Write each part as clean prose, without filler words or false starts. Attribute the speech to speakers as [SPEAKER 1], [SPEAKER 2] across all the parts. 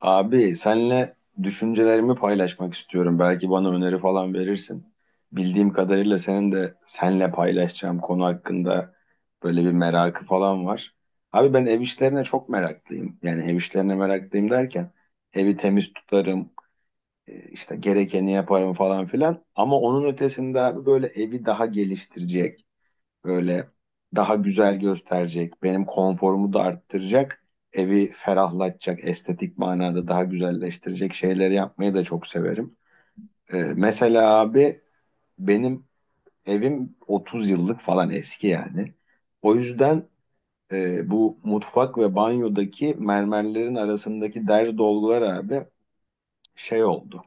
[SPEAKER 1] Abi senle düşüncelerimi paylaşmak istiyorum. Belki bana öneri falan verirsin. Bildiğim kadarıyla senin de senle paylaşacağım konu hakkında böyle bir merakı falan var. Abi ben ev işlerine çok meraklıyım. Yani ev işlerine meraklıyım derken evi temiz tutarım, işte gerekeni yaparım falan filan. Ama onun ötesinde abi böyle evi daha geliştirecek böyle daha güzel gösterecek, benim konforumu da arttıracak, evi ferahlatacak, estetik manada daha güzelleştirecek şeyleri yapmayı da çok severim. Mesela abi benim evim 30 yıllık falan eski yani. O yüzden bu mutfak ve banyodaki mermerlerin arasındaki derz dolgular abi şey oldu,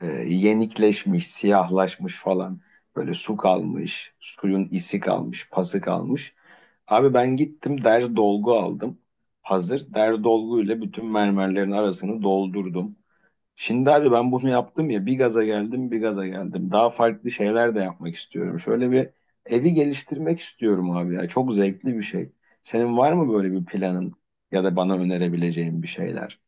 [SPEAKER 1] yenikleşmiş, siyahlaşmış falan. Böyle su kalmış, suyun isi kalmış, pası kalmış. Abi ben gittim der dolgu aldım. Hazır der dolguyla bütün mermerlerin arasını doldurdum. Şimdi abi ben bunu yaptım ya, bir gaza geldim bir gaza geldim. Daha farklı şeyler de yapmak istiyorum. Şöyle bir evi geliştirmek istiyorum abi ya. Çok zevkli bir şey. Senin var mı böyle bir planın ya da bana önerebileceğin bir şeyler?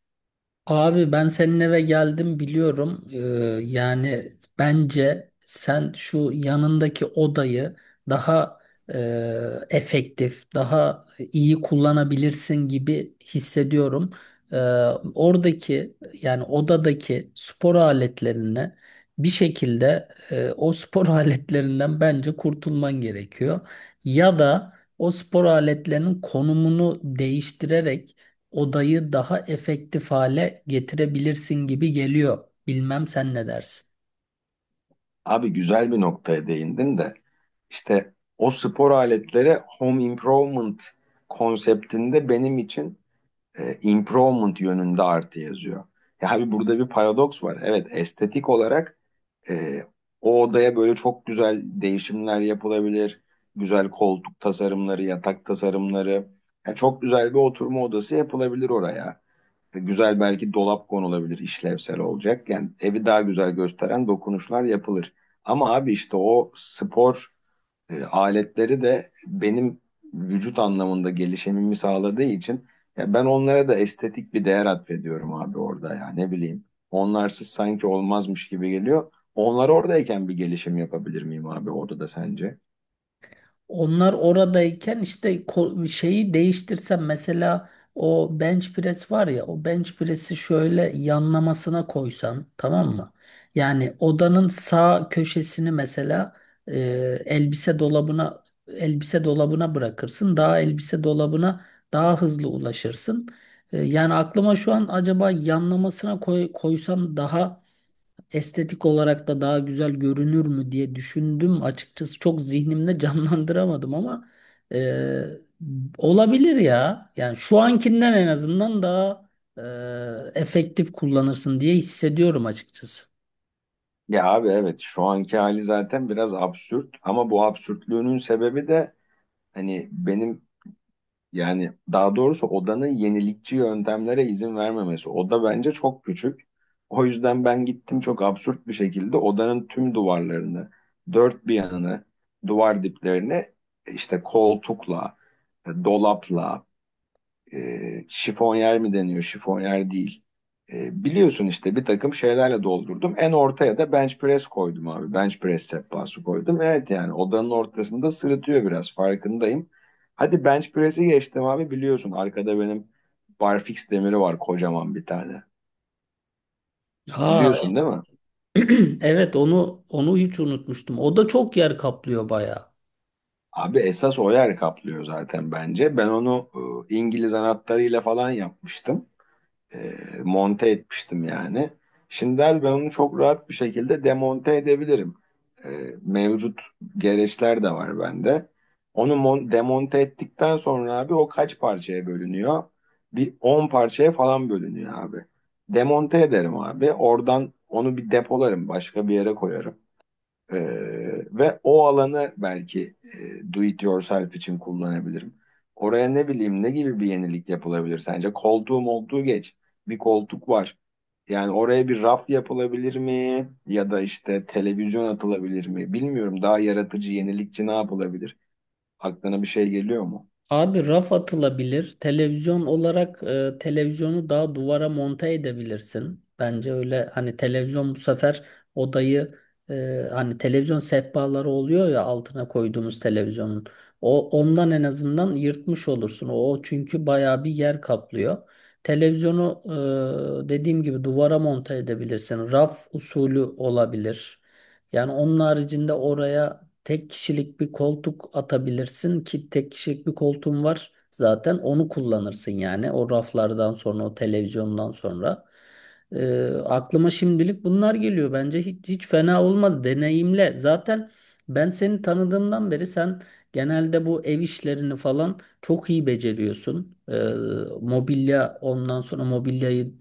[SPEAKER 2] Abi ben senin eve geldim biliyorum. Yani bence sen şu yanındaki odayı daha e, efektif, daha iyi kullanabilirsin gibi hissediyorum. Ee, oradaki yani odadaki spor aletlerini bir şekilde o spor aletlerinden bence kurtulman gerekiyor. Ya da o spor aletlerinin konumunu değiştirerek odayı daha efektif hale getirebilirsin gibi geliyor. Bilmem sen ne dersin.
[SPEAKER 1] Abi güzel bir noktaya değindin de işte o spor aletleri home improvement konseptinde benim için improvement yönünde artı yazıyor. Ya abi burada bir paradoks var. Evet, estetik olarak ee, o odaya böyle çok güzel değişimler yapılabilir. Güzel koltuk tasarımları, yatak tasarımları. Ya çok güzel bir oturma odası yapılabilir oraya. Güzel belki dolap konulabilir, işlevsel olacak. Yani evi daha güzel gösteren dokunuşlar yapılır. Ama abi işte o spor aletleri de benim vücut anlamında gelişimimi sağladığı için ya ben onlara da estetik bir değer atfediyorum abi orada ya, ne bileyim. Onlarsız sanki olmazmış gibi geliyor. Onlar oradayken bir gelişim yapabilir miyim abi orada da sence?
[SPEAKER 2] Onlar oradayken işte şeyi değiştirsem mesela o bench press var ya o bench press'i şöyle yanlamasına koysan tamam mı? Yani odanın sağ köşesini mesela e, elbise dolabına bırakırsın. Daha elbise dolabına daha hızlı ulaşırsın. Yani aklıma şu an acaba yanlamasına koysan daha estetik olarak da daha güzel görünür mü diye düşündüm. Açıkçası çok zihnimde canlandıramadım ama e, olabilir ya. Yani şu ankinden en azından daha efektif kullanırsın diye hissediyorum açıkçası.
[SPEAKER 1] Ya abi evet, şu anki hali zaten biraz absürt ama bu absürtlüğünün sebebi de hani benim, yani daha doğrusu odanın yenilikçi yöntemlere izin vermemesi. Oda bence çok küçük. O yüzden ben gittim çok absürt bir şekilde odanın tüm duvarlarını, dört bir yanını, duvar diplerini işte koltukla, dolapla, şifonyer mi deniyor, şifonyer değil. Biliyorsun işte bir takım şeylerle doldurdum. En ortaya da bench press koydum abi. Bench press sehpası koydum. Evet yani odanın ortasında sırıtıyor biraz, farkındayım. Hadi bench press'i geçtim abi, biliyorsun. Arkada benim barfix demiri var, kocaman bir tane.
[SPEAKER 2] Ha,
[SPEAKER 1] Biliyorsun değil mi?
[SPEAKER 2] evet onu hiç unutmuştum. O da çok yer kaplıyor bayağı.
[SPEAKER 1] Abi esas o yer kaplıyor zaten bence. Ben onu İngiliz anahtarıyla falan yapmıştım. e, monte etmiştim yani. Şimdiler ben onu çok rahat bir şekilde demonte edebilirim. E, mevcut gereçler de var bende. Onu demonte ettikten sonra abi o kaç parçaya bölünüyor? Bir 10 parçaya falan bölünüyor abi. Demonte ederim abi. Oradan onu bir depolarım, başka bir yere koyarım. Ve o alanı belki do it yourself için kullanabilirim. Oraya ne bileyim, ne gibi bir yenilik yapılabilir sence? Koltuğum olduğu geç. Bir koltuk var. Yani oraya bir raf yapılabilir mi? Ya da işte televizyon atılabilir mi? Bilmiyorum, daha yaratıcı, yenilikçi ne yapılabilir? Aklına bir şey geliyor mu?
[SPEAKER 2] Abi raf atılabilir. Televizyon olarak televizyonu daha duvara monte edebilirsin. Bence öyle hani televizyon bu sefer odayı hani televizyon sehpaları oluyor ya altına koyduğumuz televizyonun. O ondan en azından yırtmış olursun. O çünkü bayağı bir yer kaplıyor. Televizyonu dediğim gibi duvara monte edebilirsin. Raf usulü olabilir. Yani onun haricinde oraya tek kişilik bir koltuk atabilirsin ki tek kişilik bir koltuğum var. Zaten onu kullanırsın yani. O raflardan sonra, o televizyondan sonra. Aklıma şimdilik bunlar geliyor. Bence hiç fena olmaz. Deneyimle. Zaten ben seni tanıdığımdan beri sen genelde bu ev işlerini falan çok iyi beceriyorsun. Mobilya ondan sonra mobilyayı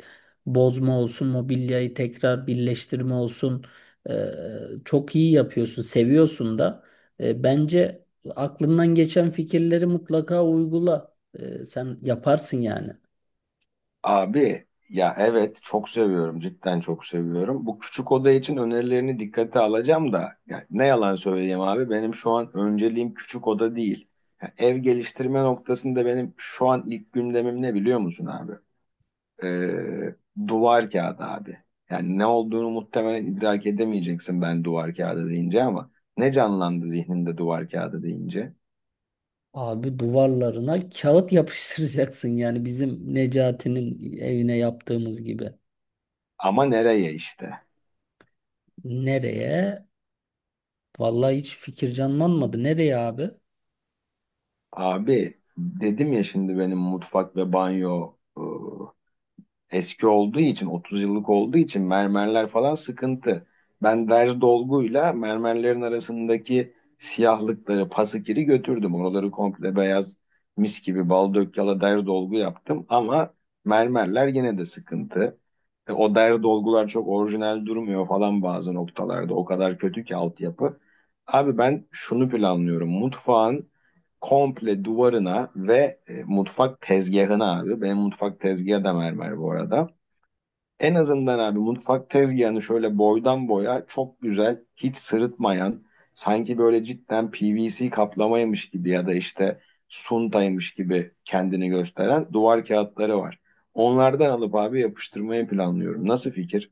[SPEAKER 2] bozma olsun, mobilyayı tekrar birleştirme olsun. Ee, çok iyi yapıyorsun, seviyorsun da. Bence aklından geçen fikirleri mutlaka uygula. Sen yaparsın yani.
[SPEAKER 1] Abi ya evet, çok seviyorum, cidden çok seviyorum. Bu küçük oda için önerilerini dikkate alacağım da ya ne yalan söyleyeyim abi, benim şu an önceliğim küçük oda değil. Ya ev geliştirme noktasında benim şu an ilk gündemim ne, biliyor musun abi? Ee, duvar kağıdı abi. Yani ne olduğunu muhtemelen idrak edemeyeceksin ben duvar kağıdı deyince ama ne canlandı zihninde duvar kağıdı deyince?
[SPEAKER 2] Abi duvarlarına kağıt yapıştıracaksın yani bizim Necati'nin evine yaptığımız gibi.
[SPEAKER 1] Ama nereye işte?
[SPEAKER 2] Nereye? Vallahi hiç fikir canlanmadı. Nereye abi?
[SPEAKER 1] Abi dedim ya, şimdi benim mutfak ve banyo eski olduğu için, 30 yıllık olduğu için mermerler falan sıkıntı. Ben derz dolguyla mermerlerin arasındaki siyahlıkları, pasakiri götürdüm. Oraları komple beyaz, mis gibi bal dök yala derz dolgu yaptım ama mermerler yine de sıkıntı. O derz dolgular çok orijinal durmuyor falan bazı noktalarda. O kadar kötü ki altyapı. Abi ben şunu planlıyorum. Mutfağın komple duvarına ve mutfak tezgahına abi. Benim mutfak tezgahı da mermer bu arada. En azından abi mutfak tezgahını şöyle boydan boya çok güzel, hiç sırıtmayan, sanki böyle cidden PVC kaplamaymış gibi ya da işte suntaymış gibi kendini gösteren duvar kağıtları var. Onlardan alıp abi yapıştırmayı planlıyorum. Nasıl fikir?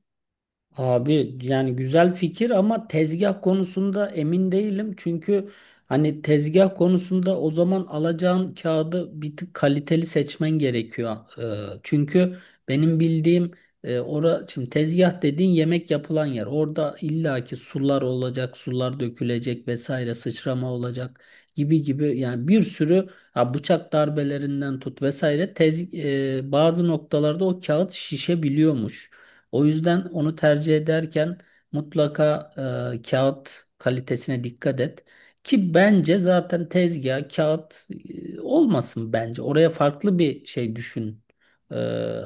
[SPEAKER 2] Abi yani güzel fikir ama tezgah konusunda emin değilim. Çünkü hani tezgah konusunda o zaman alacağın kağıdı bir tık kaliteli seçmen gerekiyor. Çünkü benim bildiğim ora şimdi tezgah dediğin yemek yapılan yer. Orada illaki sular olacak, sular dökülecek vesaire, sıçrama olacak gibi gibi yani bir sürü ha, bıçak darbelerinden tut vesaire bazı noktalarda o kağıt şişebiliyormuş. O yüzden onu tercih ederken mutlaka kağıt kalitesine dikkat et. Ki bence zaten tezgah kağıt olmasın bence. Oraya farklı bir şey düşün. E,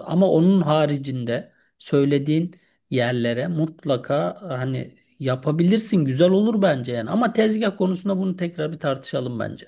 [SPEAKER 2] ama onun haricinde söylediğin yerlere mutlaka hani yapabilirsin. Güzel olur bence yani. Ama tezgah konusunda bunu tekrar bir tartışalım bence.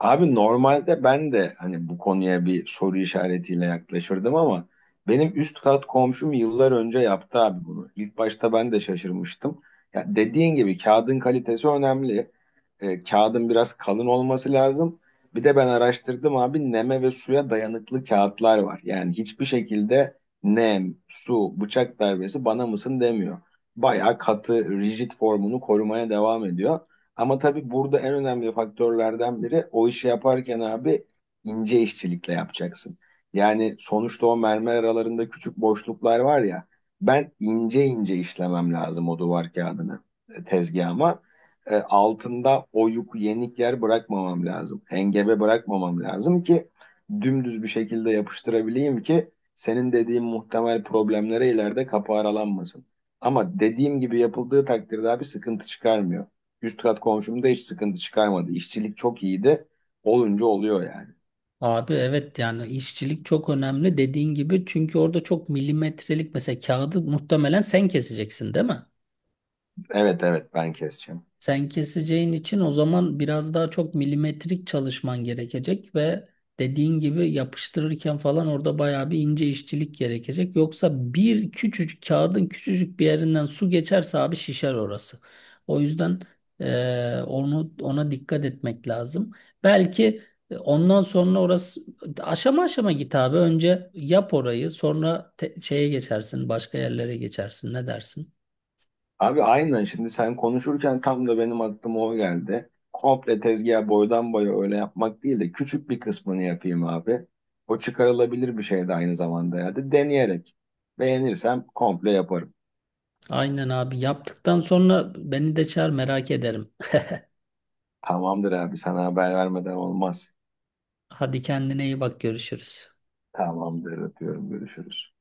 [SPEAKER 1] Abi normalde ben de hani bu konuya bir soru işaretiyle yaklaşırdım ama benim üst kat komşum yıllar önce yaptı abi bunu. İlk başta ben de şaşırmıştım. Ya dediğin gibi kağıdın kalitesi önemli. Kağıdın biraz kalın olması lazım. Bir de ben araştırdım abi, neme ve suya dayanıklı kağıtlar var. Yani hiçbir şekilde nem, su, bıçak darbesi bana mısın demiyor. Bayağı katı, rigid formunu korumaya devam ediyor. Ama tabii burada en önemli faktörlerden biri, o işi yaparken abi ince işçilikle yapacaksın. Yani sonuçta o mermer aralarında küçük boşluklar var ya, ben ince ince işlemem lazım o duvar kağıdını tezgahıma, altında oyuk, yenik yer bırakmamam lazım. Hengebe bırakmamam lazım ki dümdüz bir şekilde yapıştırabileyim ki senin dediğin muhtemel problemlere ileride kapı aralanmasın. Ama dediğim gibi yapıldığı takdirde abi sıkıntı çıkarmıyor. Üst kat komşum hiç sıkıntı çıkarmadı. İşçilik çok iyiydi. Olunca oluyor yani.
[SPEAKER 2] Abi evet yani işçilik çok önemli dediğin gibi çünkü orada çok milimetrelik mesela kağıdı muhtemelen sen keseceksin değil mi?
[SPEAKER 1] Evet evet, ben keseceğim.
[SPEAKER 2] Sen keseceğin için o zaman biraz daha çok milimetrik çalışman gerekecek ve dediğin gibi yapıştırırken falan orada bayağı bir ince işçilik gerekecek. Yoksa bir küçücük kağıdın küçücük bir yerinden su geçerse abi şişer orası. O yüzden onu ona dikkat etmek lazım. Belki ondan sonra orası aşama aşama git abi. Önce yap orayı, sonra şeye geçersin, başka yerlere geçersin. Ne dersin?
[SPEAKER 1] Abi aynen, şimdi sen konuşurken tam da benim aklıma o geldi. Komple tezgah boydan boya öyle yapmak değil de küçük bir kısmını yapayım abi. O çıkarılabilir bir şey de aynı zamanda, ya da deneyerek. Beğenirsem komple yaparım.
[SPEAKER 2] Aynen abi yaptıktan sonra beni de çağır merak ederim.
[SPEAKER 1] Tamamdır abi, sana haber vermeden olmaz.
[SPEAKER 2] Hadi kendine iyi bak görüşürüz.
[SPEAKER 1] Tamamdır, öpüyorum, görüşürüz.